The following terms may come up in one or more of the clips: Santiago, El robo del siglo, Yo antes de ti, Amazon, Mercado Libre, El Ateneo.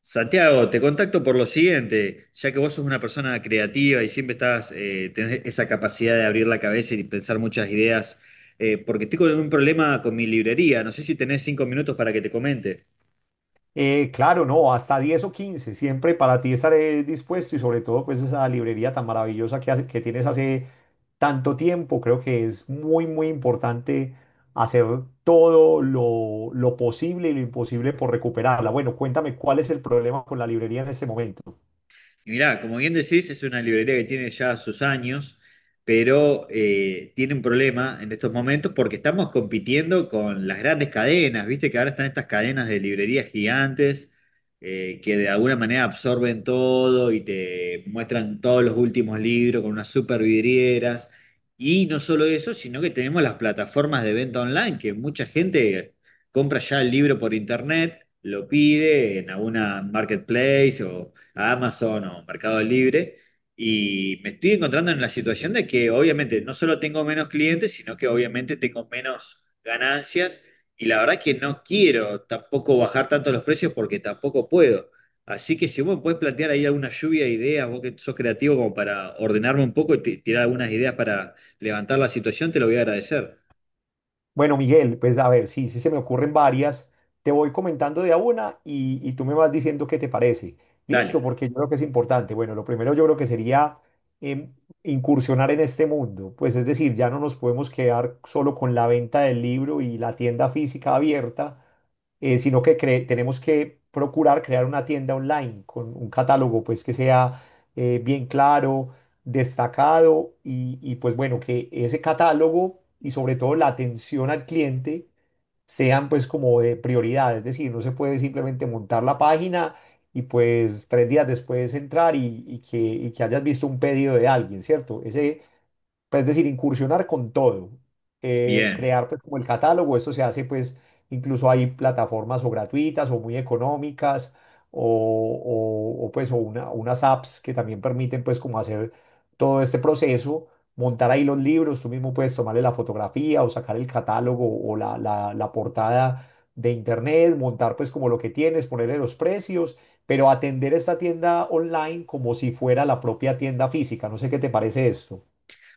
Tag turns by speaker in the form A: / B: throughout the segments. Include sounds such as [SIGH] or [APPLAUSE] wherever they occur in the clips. A: Santiago, te contacto por lo siguiente, ya que vos sos una persona creativa y siempre estás, tenés esa capacidad de abrir la cabeza y pensar muchas ideas, porque estoy con un problema con mi librería, no sé si tenés 5 minutos para que te comente.
B: Claro, no, hasta 10 o 15, siempre para ti estaré dispuesto y sobre todo pues esa librería tan maravillosa que tienes hace tanto tiempo, creo que es muy, muy importante hacer todo lo posible y lo imposible por recuperarla. Bueno, cuéntame cuál es el problema con la librería en este momento.
A: Y mirá, como bien decís, es una librería que tiene ya sus años, pero tiene un problema en estos momentos porque estamos compitiendo con las grandes cadenas, viste que ahora están estas cadenas de librerías gigantes que de alguna manera absorben todo y te muestran todos los últimos libros con unas super vidrieras. Y no solo eso, sino que tenemos las plataformas de venta online, que mucha gente compra ya el libro por internet, lo pide en alguna marketplace o a Amazon o Mercado Libre. Y me estoy encontrando en la situación de que obviamente no solo tengo menos clientes, sino que obviamente tengo menos ganancias. Y la verdad que no quiero tampoco bajar tanto los precios porque tampoco puedo. Así que si vos me podés plantear ahí alguna lluvia de ideas, vos que sos creativo como para ordenarme un poco y tirar algunas ideas para levantar la situación, te lo voy a agradecer.
B: Bueno, Miguel, pues a ver, sí, sí se me ocurren varias. Te voy comentando de a una y tú me vas diciendo qué te parece. Listo,
A: Dale,
B: porque yo creo que es importante. Bueno, lo primero yo creo que sería em, incursionar en este mundo. Pues es decir, ya no nos podemos quedar solo con la venta del libro y la tienda física abierta, sino que tenemos que procurar crear una tienda online con un catálogo pues que sea bien claro, destacado y pues bueno, que ese catálogo y sobre todo la atención al cliente sean pues como de prioridad, es decir, no se puede simplemente montar la página y pues 3 días después entrar y que hayas visto un pedido de alguien, ¿cierto? Ese, pues, es decir, incursionar con todo,
A: bien.
B: crear pues como el catálogo. Esto se hace pues, incluso hay plataformas o gratuitas o muy económicas o, o unas apps que también permiten pues como hacer todo este proceso, montar ahí los libros, tú mismo puedes tomarle la fotografía o sacar el catálogo o la portada de internet, montar pues como lo que tienes, ponerle los precios. Pero atender esta tienda online como si fuera la propia tienda física. No sé qué te parece esto.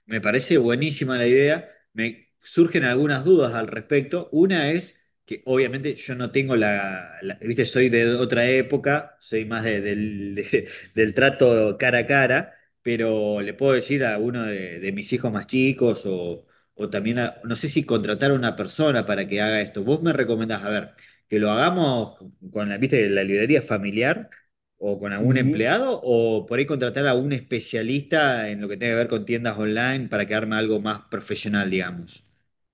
A: Me parece buenísima la idea. Me surgen algunas dudas al respecto. Una es que obviamente yo no tengo viste, soy de otra época, soy más [LAUGHS] del trato cara a cara, pero le puedo decir a uno de mis hijos más chicos o también, no sé si contratar a una persona para que haga esto. Vos me recomendás, a ver, que lo hagamos con la, viste, la librería familiar o con algún
B: Sí,
A: empleado o por ahí contratar a un especialista en lo que tenga que ver con tiendas online para que arme algo más profesional, digamos.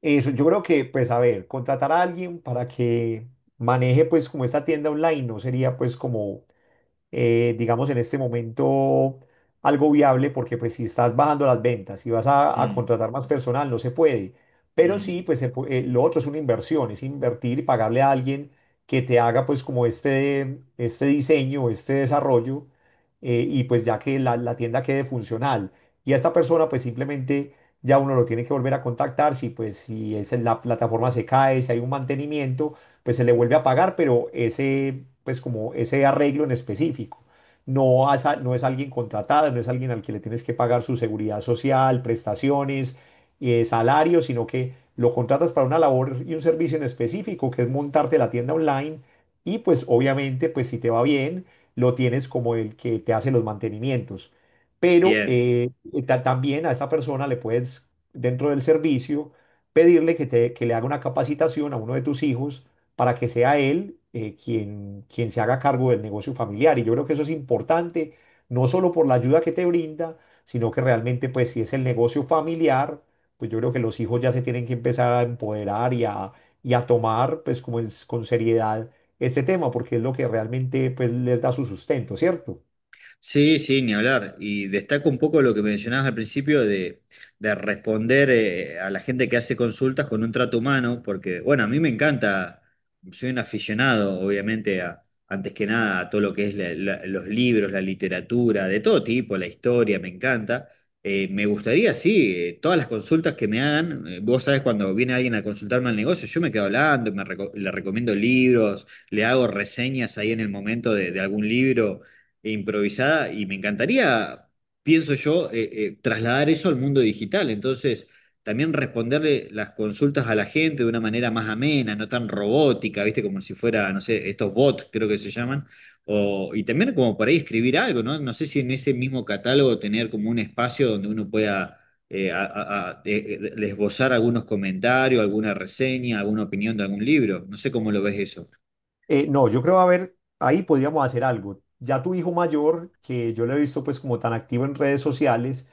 B: eso yo creo que, pues a ver, contratar a alguien para que maneje pues como esta tienda online no sería pues como, digamos, en este momento algo viable, porque pues si estás bajando las ventas, y vas a
A: Mm,
B: contratar más personal, no se puede. Pero sí,
A: mm,
B: pues lo otro es una inversión, es invertir y pagarle a alguien que te haga pues como este diseño, este desarrollo, y pues ya que la tienda quede funcional. Y a esta persona pues simplemente ya uno lo tiene que volver a contactar si pues, si es en la plataforma, se cae, si hay un mantenimiento, pues se le vuelve a pagar, pero ese, pues como ese arreglo en específico. No, no es alguien contratado, no es alguien al que le tienes que pagar su seguridad social, prestaciones, salario, sino que lo contratas para una labor y un servicio en específico, que es montarte la tienda online y pues obviamente, pues si te va bien, lo tienes como el que te hace los mantenimientos. Pero
A: bien.
B: también a esa persona le puedes, dentro del servicio, pedirle que le haga una capacitación a uno de tus hijos para que sea él, quien, quien se haga cargo del negocio familiar. Y yo creo que eso es importante, no solo por la ayuda que te brinda, sino que realmente, pues si es el negocio familiar, pues yo creo que los hijos ya se tienen que empezar a empoderar y a tomar pues como es, con seriedad, este tema, porque es lo que realmente, pues, les da su sustento, ¿cierto?
A: Sí, sí, ni hablar. Y destaco un poco lo que mencionabas al principio de responder a la gente que hace consultas con un trato humano, porque, bueno, a mí me encanta, soy un aficionado, obviamente, a, antes que nada, a todo lo que es los libros, la literatura, de todo tipo, la historia, me encanta. Me gustaría, sí, todas las consultas que me hagan, vos sabés, cuando viene alguien a consultarme al negocio, yo me quedo hablando, le recomiendo libros, le hago reseñas ahí en el momento de algún libro e improvisada y me encantaría, pienso yo, trasladar eso al mundo digital. Entonces, también responderle las consultas a la gente de una manera más amena, no tan robótica, ¿viste? Como si fuera, no sé, estos bots creo que se llaman. O, y también como por ahí escribir algo, ¿no? No sé si en ese mismo catálogo tener como un espacio donde uno pueda... esbozar algunos comentarios, alguna reseña, alguna opinión de algún libro. No sé cómo lo ves eso.
B: No, yo creo, a ver, ahí podríamos hacer algo. Ya tu hijo mayor, que yo lo he visto pues como tan activo en redes sociales,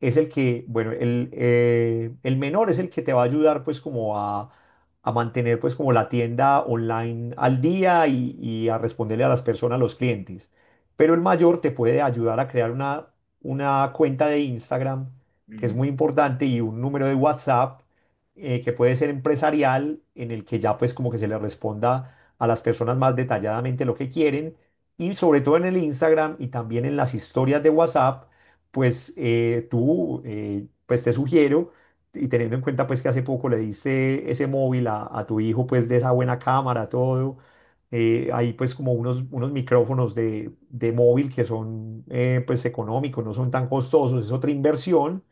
B: es el que, bueno, el menor es el que te va a ayudar pues como a mantener pues como la tienda online al día y a responderle a las personas, a los clientes. Pero el mayor te puede ayudar a crear una cuenta de Instagram, que es
A: Mm,
B: muy importante, y un número de WhatsApp, que puede ser empresarial, en el que ya pues como que se le responda a las personas más detalladamente lo que quieren y sobre todo en el Instagram y también en las historias de WhatsApp, pues pues te sugiero, y teniendo en cuenta pues que hace poco le diste ese móvil a tu hijo pues, de esa buena cámara, todo, hay pues como unos micrófonos de móvil que son, pues económicos, no son tan costosos, es otra inversión,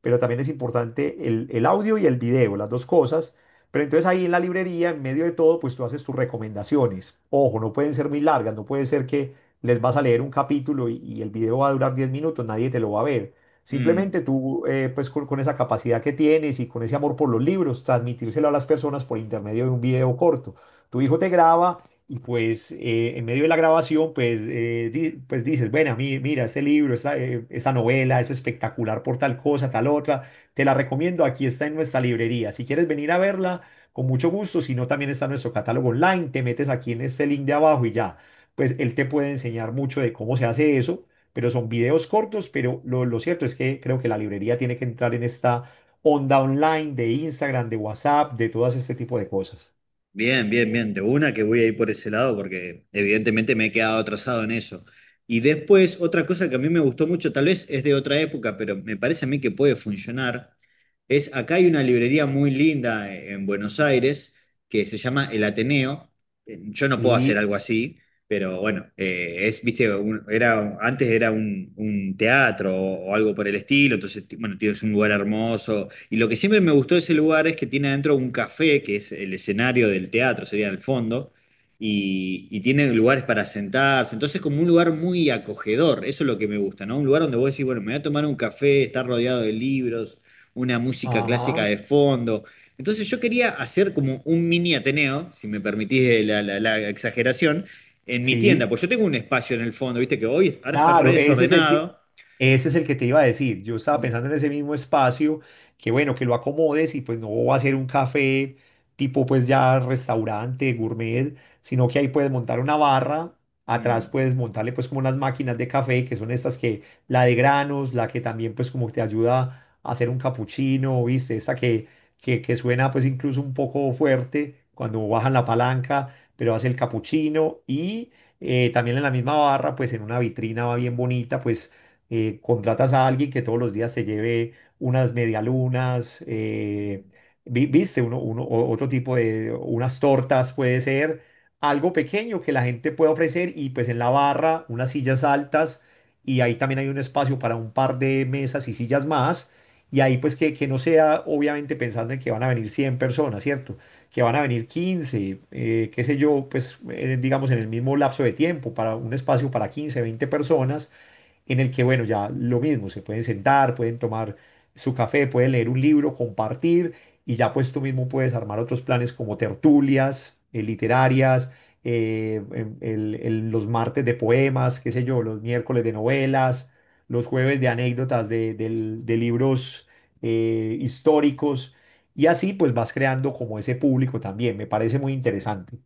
B: pero también es importante el audio y el video, las dos cosas. Pero entonces ahí en la librería, en medio de todo, pues tú haces tus recomendaciones. Ojo, no pueden ser muy largas, no puede ser que les vas a leer un capítulo y el video va a durar 10 minutos, nadie te lo va a ver.
A: mm.
B: Simplemente tú, pues con esa capacidad que tienes y con ese amor por los libros, transmitírselo a las personas por intermedio de un video corto. Tu hijo te graba y pues, en medio de la grabación, pues, pues dices, bueno, mira, este libro, esta novela es espectacular por tal cosa, tal otra, te la recomiendo, aquí está en nuestra librería. Si quieres venir a verla, con mucho gusto, si no, también está nuestro catálogo online. Te metes aquí en este link de abajo y ya, pues él te puede enseñar mucho de cómo se hace eso, pero son videos cortos. Pero lo cierto es que creo que la librería tiene que entrar en esta onda online, de Instagram, de WhatsApp, de todas este tipo de cosas.
A: Bien, bien, bien. De una que voy a ir por ese lado porque evidentemente me he quedado atrasado en eso. Y después, otra cosa que a mí me gustó mucho, tal vez es de otra época, pero me parece a mí que puede funcionar, es acá hay una librería muy linda en Buenos Aires que se llama El Ateneo. Yo no puedo hacer
B: Sí,
A: algo así, pero bueno, es, viste, era, antes era un teatro o algo por el estilo, entonces, bueno, tienes un lugar hermoso. Y lo que siempre me gustó de ese lugar es que tiene adentro un café, que es el escenario del teatro, sería el fondo, y tiene lugares para sentarse. Entonces, como un lugar muy acogedor, eso es lo que me gusta, ¿no? Un lugar donde vos decís, bueno, me voy a tomar un café, estar rodeado de libros, una música clásica
B: ajá,
A: de fondo. Entonces yo quería hacer como un mini Ateneo, si me permitís la la exageración, en mi tienda,
B: sí.
A: pues yo tengo un espacio en el fondo, viste que hoy ahora está re
B: Claro, ese es el que,
A: desordenado,
B: ese es el que te iba a decir. Yo estaba
A: mm,
B: pensando en ese mismo espacio, que bueno, que lo acomodes, y pues no va a ser un café tipo pues ya restaurante, gourmet, sino que ahí puedes montar una barra, atrás puedes montarle pues como unas máquinas de café, que son estas que, la de granos, la que también pues como te ayuda a hacer un capuchino, ¿viste? Esta que suena pues incluso un poco fuerte cuando bajan la palanca, pero hace el capuchino. Y también en la misma barra, pues en una vitrina va bien bonita, pues contratas a alguien que todos los días te lleve unas medialunas,
A: mm,
B: viste, otro tipo de, unas tortas puede ser, algo pequeño que la gente pueda ofrecer, y pues en la barra unas sillas altas, y ahí también hay un espacio para un par de mesas y sillas más, y ahí pues que no sea obviamente pensando en que van a venir 100 personas, ¿cierto? Que van a venir 15, qué sé yo, pues, digamos, en el mismo lapso de tiempo, para un espacio para 15, 20 personas, en el que, bueno, ya lo mismo, se pueden sentar, pueden tomar su café, pueden leer un libro, compartir. Y ya pues tú mismo puedes armar otros planes como tertulias, literarias, los martes de poemas, qué sé yo, los miércoles de novelas, los jueves de anécdotas de libros, históricos, y así pues vas creando como ese público también. Me parece muy interesante.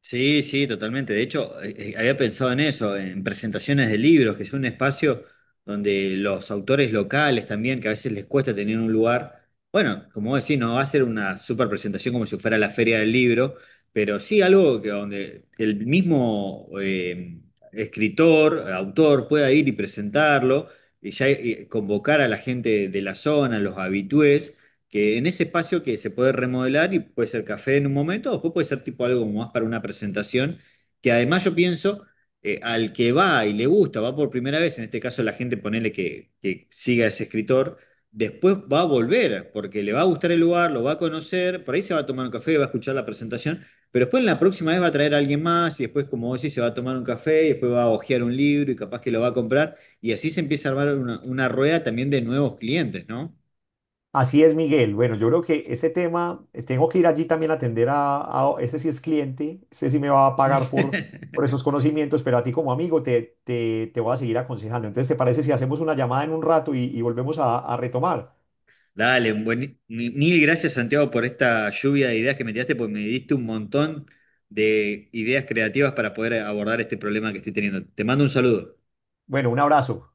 A: sí, sí, totalmente. De hecho, había pensado en eso, en presentaciones de libros, que es un espacio donde los autores locales también, que a veces les cuesta tener un lugar, bueno, como vos decís, no va a ser una super presentación como si fuera la feria del libro, pero sí algo que donde el mismo escritor, autor, pueda ir y presentarlo, y ya convocar a la gente de la zona, los habitués que en ese espacio que se puede remodelar y puede ser café en un momento, o después puede ser tipo algo más para una presentación, que además yo pienso, al que va y le gusta, va por primera vez, en este caso la gente ponele que siga a ese escritor, después va a volver, porque le va a gustar el lugar, lo va a conocer, por ahí se va a tomar un café, va a escuchar la presentación, pero después en la próxima vez va a traer a alguien más y después, como vos decís, se va a tomar un café y después va a hojear un libro y capaz que lo va a comprar y así se empieza a armar una rueda también de nuevos clientes, ¿no?
B: Así es, Miguel. Bueno, yo creo que ese tema, tengo que ir allí también a atender a, ese sí es cliente, ese sí me va a pagar por,
A: [LAUGHS]
B: esos conocimientos, pero a ti como amigo te voy a seguir aconsejando. Entonces, ¿te parece si hacemos una llamada en un rato y volvemos a retomar?
A: Dale, mil gracias Santiago por esta lluvia de ideas que me tiraste, porque me diste un montón de ideas creativas para poder abordar este problema que estoy teniendo. Te mando un saludo.
B: Bueno, un abrazo.